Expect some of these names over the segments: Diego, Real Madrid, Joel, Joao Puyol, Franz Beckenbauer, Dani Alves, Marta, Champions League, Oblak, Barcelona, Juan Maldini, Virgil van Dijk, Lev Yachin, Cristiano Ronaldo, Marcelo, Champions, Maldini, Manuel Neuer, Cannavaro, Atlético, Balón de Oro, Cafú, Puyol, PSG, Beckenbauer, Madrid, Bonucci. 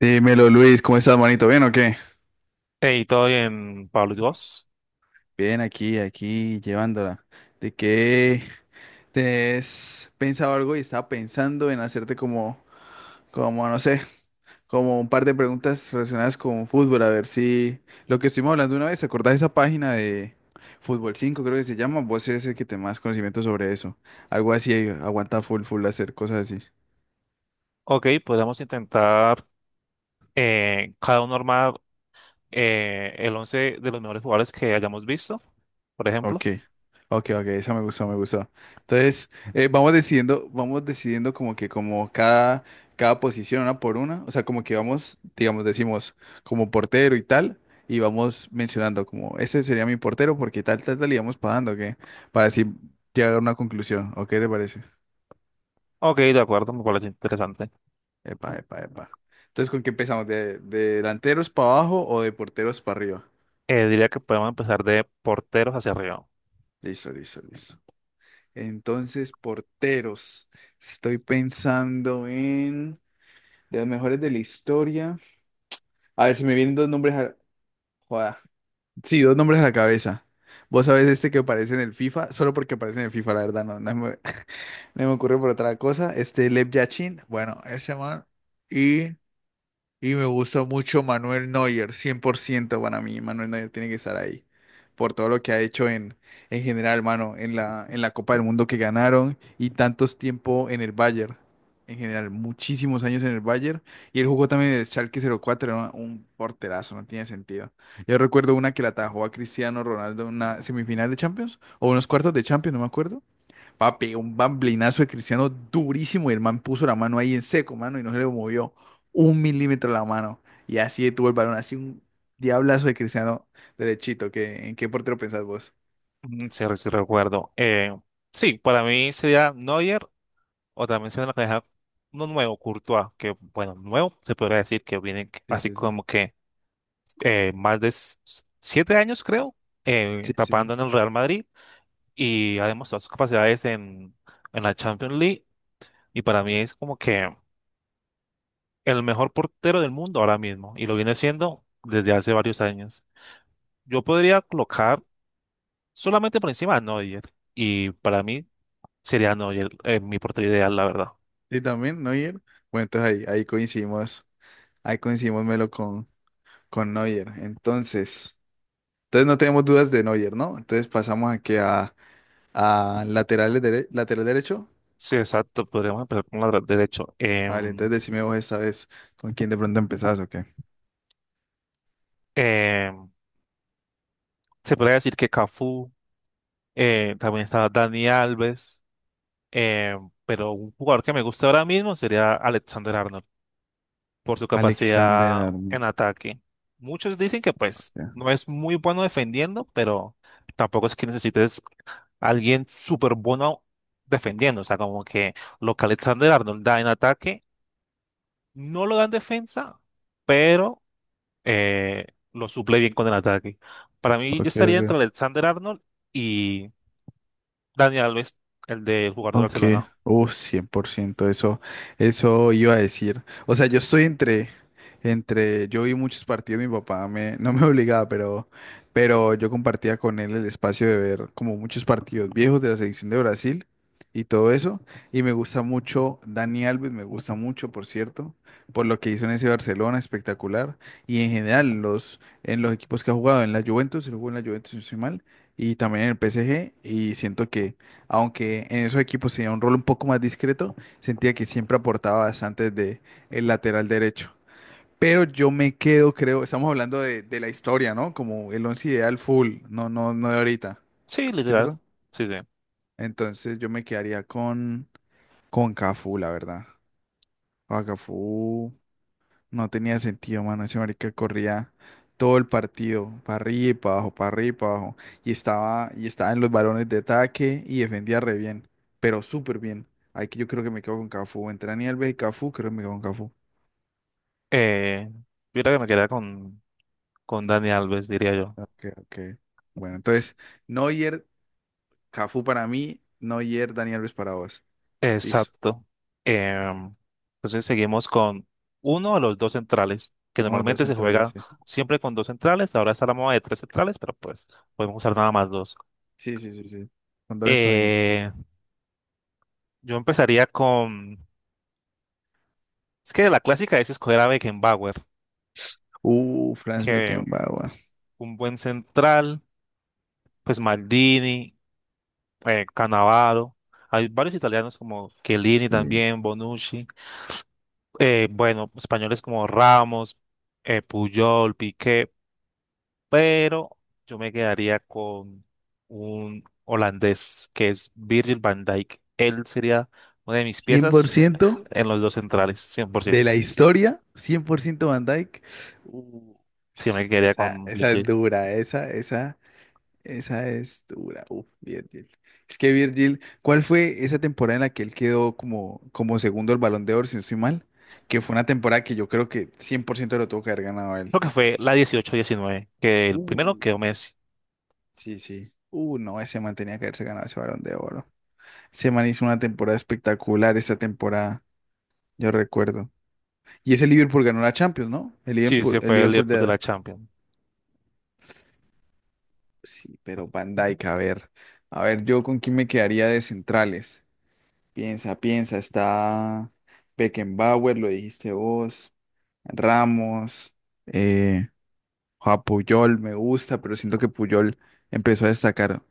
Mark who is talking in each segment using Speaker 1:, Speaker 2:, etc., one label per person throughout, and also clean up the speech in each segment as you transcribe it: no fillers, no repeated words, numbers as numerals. Speaker 1: Dímelo, Luis, ¿cómo estás, manito? ¿Bien o qué?
Speaker 2: Hey, todo bien, Pablo, ¿y vos?
Speaker 1: Bien, aquí, aquí, llevándola. ¿De qué? ¿Tenés pensado algo y estaba pensando en hacerte como, no sé, como un par de preguntas relacionadas con fútbol? A ver si lo que estuvimos hablando una vez, ¿te acordás de esa página de Fútbol 5, creo que se llama? Vos eres el que te más conocimiento sobre eso. Algo así, aguanta full, full hacer cosas así.
Speaker 2: Ok, podemos intentar cada uno armar el 11 de los mejores jugadores que hayamos visto, por ejemplo.
Speaker 1: Ok, ok, ok, eso me gustó, me gustó. Entonces, vamos decidiendo, como que como cada posición una por una. O sea, como que vamos, digamos, decimos como portero y tal, y vamos mencionando como, este sería mi portero porque tal, tal, tal, y vamos pagando, que para así llegar a una conclusión, ¿o te parece?
Speaker 2: Ok, de acuerdo, me parece interesante.
Speaker 1: Epa, epa, epa. Entonces, ¿con qué empezamos? ¿De delanteros para abajo o de porteros para arriba?
Speaker 2: Diría que podemos empezar de porteros hacia arriba.
Speaker 1: Listo, listo, listo. Entonces, porteros. Estoy pensando en... De los mejores de la historia. A ver, se me vienen dos nombres a... Joda. Sí, dos nombres a la cabeza. Vos sabés este que aparece en el FIFA, solo porque aparece en el FIFA, la verdad, no me, no me ocurre por otra cosa. Este Lev Yachin, bueno, ese man. y y me gusta mucho Manuel Neuer, 100% para mí. Manuel Neuer tiene que estar ahí. Por todo lo que ha hecho en general, mano. En la Copa del Mundo que ganaron y tantos tiempo en el Bayern. En general, muchísimos años en el Bayern. Y él jugó también de Schalke 04, era un porterazo, no tiene sentido. Yo recuerdo una que la atajó a Cristiano Ronaldo en una semifinal de Champions o unos cuartos de Champions, no me acuerdo. Papi, un bamblinazo de Cristiano durísimo y el man puso la mano ahí en seco, mano, y no se le movió un milímetro la mano. Y así tuvo el balón, así un diablazo de Cristiano derechito. ¿Qué, en qué portero pensás vos?
Speaker 2: Mm, sí, sí recuerdo. Sí, para mí sería Neuer o también sería la cabeza uno nuevo, Courtois, que bueno, nuevo se podría decir que viene
Speaker 1: Sí,
Speaker 2: así
Speaker 1: sí, sí.
Speaker 2: como que más de siete años creo,
Speaker 1: Sí, sí, sí.
Speaker 2: tapando en el Real Madrid y ha demostrado sus capacidades en la Champions League, y para mí es como que el mejor portero del mundo ahora mismo y lo viene siendo desde hace varios años. Yo podría colocar solamente por encima a Neuer, y para mí sería no, y mi portero ideal, la verdad.
Speaker 1: ¿Y también Neuer? Bueno, entonces ahí coincidimos Melo con Neuer. Entonces, no tenemos dudas de Neuer, ¿no? Entonces pasamos aquí a lateral, lateral derecho.
Speaker 2: Sí, exacto, podríamos empezar con la derecho.
Speaker 1: Vale, entonces decime vos esta vez con quién de pronto empezás o qué.
Speaker 2: Em, Se podría decir que Cafú, también está Dani Alves, pero un jugador que me gusta ahora mismo sería Alexander Arnold, por su capacidad
Speaker 1: Alexander Arm.
Speaker 2: en ataque. Muchos dicen que pues
Speaker 1: Ya.
Speaker 2: no es muy bueno defendiendo, pero tampoco es que necesites a alguien súper bueno defendiendo, o sea, como que lo que Alexander Arnold da en ataque no lo dan defensa, pero eh, lo suple bien con el ataque. Para mí, yo
Speaker 1: Ok,
Speaker 2: estaría entre
Speaker 1: ok.
Speaker 2: Alexander Arnold y Daniel Alves, el del jugador de
Speaker 1: Ok,
Speaker 2: Barcelona.
Speaker 1: 100%, eso iba a decir. O sea, yo estoy entre, yo vi muchos partidos, mi papá no me obligaba, pero yo compartía con él el espacio de ver como muchos partidos viejos de la selección de Brasil y todo eso. Y me gusta mucho Dani Alves, me gusta mucho, por cierto, por lo que hizo en ese Barcelona, espectacular. Y en general, en los equipos que ha jugado, en la Juventus, él jugó en la Juventus, si no estoy mal, y también en el PSG, y siento que aunque en esos equipos tenía un rol un poco más discreto, sentía que siempre aportaba bastante desde el lateral derecho. Pero yo me quedo, creo, estamos hablando de la historia, ¿no? Como el once ideal full, no, no, no de ahorita,
Speaker 2: Sí, literal.
Speaker 1: ¿cierto?
Speaker 2: Sí, sí.
Speaker 1: Entonces yo me quedaría con Cafú, la verdad. Con Cafú. No tenía sentido, mano. Ese marica corría todo el partido, para arriba y para abajo, para arriba y para abajo. Y estaba en los balones de ataque y defendía re bien, pero súper bien. Ahí que yo creo que me quedo con Cafú. Entre Dani Alves y Cafú, creo que me quedo con Cafú.
Speaker 2: Eh, yo creo que me quedaría con Dani Alves, diría yo.
Speaker 1: Ok, ok. Bueno, entonces, Neuer, Cafú para mí, Neuer, Dani Alves para vos. Listo.
Speaker 2: Exacto. Em, entonces seguimos con uno de los dos centrales, que
Speaker 1: Uno, dos
Speaker 2: normalmente se
Speaker 1: centrales,
Speaker 2: juega
Speaker 1: sí.
Speaker 2: siempre con dos centrales. Ahora está la moda de tres centrales, pero pues podemos usar nada más dos.
Speaker 1: Sí, sí, sí, sí. Con dos está bien.
Speaker 2: Eh, yo empezaría con, es que la clásica es escoger a Beckenbauer,
Speaker 1: Franz
Speaker 2: que
Speaker 1: Beckenbauer.
Speaker 2: un buen central, pues Maldini, Cannavaro. Hay varios italianos como Chiellini
Speaker 1: Sí.
Speaker 2: también, Bonucci. Bueno, españoles como Ramos, Puyol, Piqué. Pero yo me quedaría con un holandés, que es Virgil van Dijk. Él sería una de mis
Speaker 1: cien por
Speaker 2: piezas
Speaker 1: ciento
Speaker 2: en los dos centrales, 100%.
Speaker 1: De la historia, 100% Van Dyke. Uh,
Speaker 2: Sí, me quedaría
Speaker 1: esa,
Speaker 2: con
Speaker 1: esa es
Speaker 2: Virgil.
Speaker 1: dura, esa es dura. Uf, Virgil. Es que Virgil, ¿cuál fue esa temporada en la que él quedó como segundo el Balón de Oro, si no estoy mal? Que fue una temporada que yo creo que 100% lo tuvo que haber ganado él.
Speaker 2: Creo que fue la 18-19 que el primero
Speaker 1: Uh,
Speaker 2: quedó Messi.
Speaker 1: sí, sí. No, ese man tenía que haberse ganado ese Balón de Oro. Ese man hizo una temporada espectacular esa temporada, yo recuerdo. Y ese Liverpool ganó la Champions, ¿no? El
Speaker 2: Sí,
Speaker 1: Liverpool,
Speaker 2: se
Speaker 1: el
Speaker 2: fue el
Speaker 1: Liverpool
Speaker 2: Liverpool de
Speaker 1: de,
Speaker 2: la Champions.
Speaker 1: sí, pero Van Dijk, a ver. A ver, yo con quién me quedaría de centrales. Piensa, piensa, está Beckenbauer, lo dijiste vos, Ramos, eh, Joao Puyol, me gusta, pero siento que Puyol empezó a destacar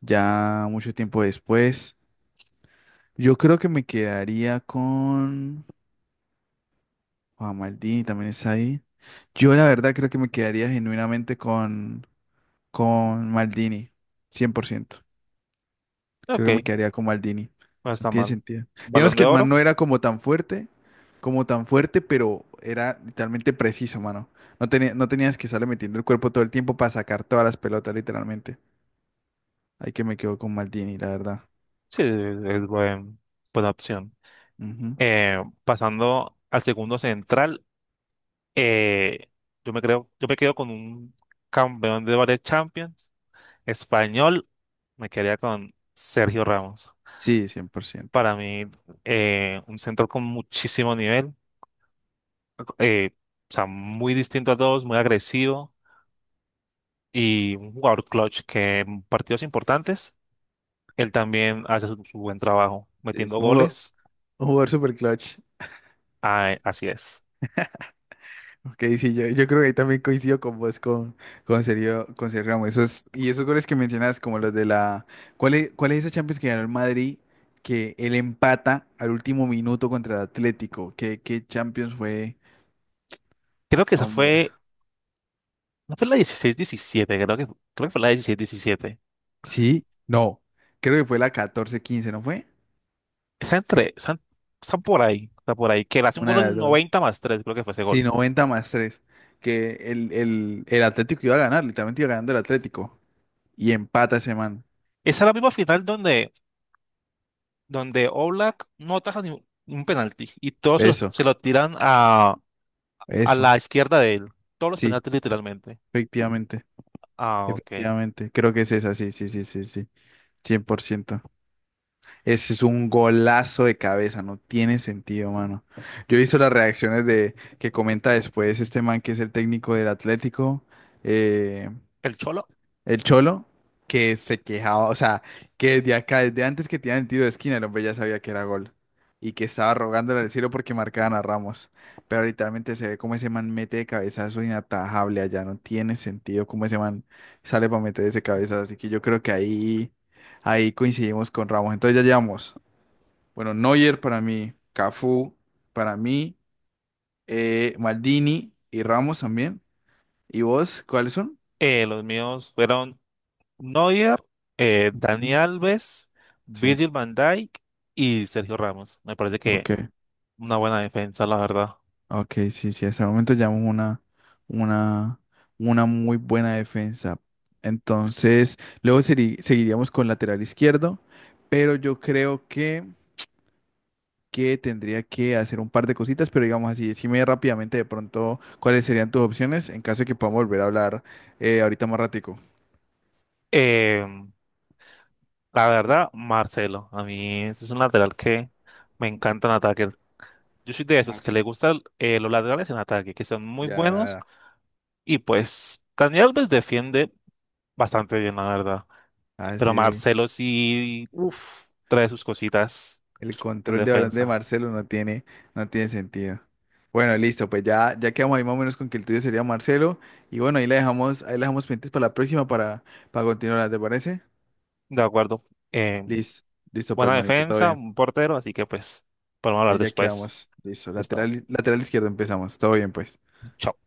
Speaker 1: ya mucho tiempo después. Yo creo que me quedaría con Juan Maldini, también está ahí. Yo la verdad creo que me quedaría genuinamente con Maldini, 100%. Creo
Speaker 2: Ok,
Speaker 1: que me quedaría con Maldini.
Speaker 2: no
Speaker 1: No
Speaker 2: está
Speaker 1: tiene
Speaker 2: mal.
Speaker 1: sentido.
Speaker 2: Balón
Speaker 1: Digamos
Speaker 2: de
Speaker 1: que el man
Speaker 2: oro,
Speaker 1: no era como tan fuerte, pero era literalmente preciso, mano. No tenías que estarle metiendo el cuerpo todo el tiempo para sacar todas las pelotas, literalmente. Ahí que me quedo con Maldini, la verdad.
Speaker 2: sí, es buena opción.
Speaker 1: Ujú.
Speaker 2: Eh, Pasando al segundo central, eh, yo me creo, yo me quedo con un campeón de varias Champions. Español, me quedaría con Sergio Ramos.
Speaker 1: Sí, 100%.
Speaker 2: Para mí, un central con muchísimo nivel, eh, o sea, muy distinto a todos, muy agresivo y un jugador clutch que en partidos importantes, él también hace su buen trabajo
Speaker 1: Sí,
Speaker 2: metiendo
Speaker 1: sí. Un jugador,
Speaker 2: goles.
Speaker 1: un jugador super clutch.
Speaker 2: Ah, así es.
Speaker 1: Ok, sí, yo creo que ahí también coincido con vos, con Sergio Ramos. Y esos goles que mencionas, como los de la... ¿Cuál es esa Champions que ganó el Madrid, que él empata al último minuto contra el Atlético? ¿Qué Champions fue?
Speaker 2: Creo que esa
Speaker 1: Hombre.
Speaker 2: fue, no fue la 16-17 creo que fue la 16 17.
Speaker 1: Sí, no, creo que fue la 14-15, ¿no fue?
Speaker 2: Está están por ahí, está por ahí. Que le hace un
Speaker 1: Una
Speaker 2: gol
Speaker 1: de las
Speaker 2: en
Speaker 1: dos.
Speaker 2: 90+3 creo que fue ese
Speaker 1: Sí,
Speaker 2: gol.
Speaker 1: 90+3. Que el Atlético iba a ganar, literalmente iba ganando el Atlético. Y empata ese man.
Speaker 2: Esa es la misma final donde Oblak no ataja ni un penalti y todos
Speaker 1: Eso,
Speaker 2: se lo tiran a
Speaker 1: eso,
Speaker 2: la izquierda de él. Todos los
Speaker 1: sí,
Speaker 2: penaltis literalmente.
Speaker 1: efectivamente.
Speaker 2: Ah, ok.
Speaker 1: Efectivamente, creo que es esa, sí, sí, sí, sí, sí, 100%. Ese es un golazo de cabeza, no tiene sentido, mano. Yo he visto las reacciones de que comenta después este man que es el técnico del Atlético, eh,
Speaker 2: El Cholo.
Speaker 1: el Cholo, que se quejaba, o sea, que desde acá, desde antes que tiran el tiro de esquina, el hombre ya sabía que era gol. Y que estaba rogándole al cielo porque marcaban a Ramos. Pero literalmente se ve como ese man mete de cabezazo inatajable allá. No tiene sentido cómo ese man sale para meter ese cabezazo. Así que yo creo que ahí coincidimos con Ramos. Entonces ya llevamos, bueno, Neuer para mí, Cafú para mí, Maldini y Ramos también. ¿Y vos cuáles son?
Speaker 2: Los míos fueron Neuer, Dani
Speaker 1: Ujú.
Speaker 2: Alves,
Speaker 1: Sí,
Speaker 2: Virgil van Dijk y Sergio Ramos. Me parece que
Speaker 1: ok.
Speaker 2: una buena defensa, la verdad.
Speaker 1: Ok, sí, sí, hasta el momento llevamos una, una muy buena defensa. Entonces, luego seguiríamos con lateral izquierdo, pero yo creo que tendría que hacer un par de cositas, pero digamos así, decime rápidamente de pronto cuáles serían tus opciones en caso de que podamos volver a hablar ahorita más ratico.
Speaker 2: Eh, la verdad, Marcelo. A mí ese es un lateral que me encanta en ataque. Yo soy de esos que
Speaker 1: Marzo.
Speaker 2: le gustan los laterales en ataque, que son muy
Speaker 1: Ya, ya,
Speaker 2: buenos.
Speaker 1: ya.
Speaker 2: Y pues Dani Alves defiende bastante bien, la verdad.
Speaker 1: Ah,
Speaker 2: Pero
Speaker 1: sí.
Speaker 2: Marcelo sí
Speaker 1: Uf.
Speaker 2: trae sus cositas
Speaker 1: El
Speaker 2: en
Speaker 1: control de balón de
Speaker 2: defensa.
Speaker 1: Marcelo no tiene sentido. Bueno, listo, pues ya, ya quedamos ahí más o menos con que el tuyo sería Marcelo. Y bueno, ahí la dejamos pendientes para la próxima para continuar, ¿te parece?
Speaker 2: De acuerdo. Em,
Speaker 1: Listo, listo, pues,
Speaker 2: buena
Speaker 1: manito, todo
Speaker 2: defensa,
Speaker 1: bien.
Speaker 2: un portero, así que pues podemos hablar
Speaker 1: Ahí ya
Speaker 2: después
Speaker 1: quedamos. Listo,
Speaker 2: de esto.
Speaker 1: lateral izquierdo empezamos. Todo bien, pues.
Speaker 2: Chao.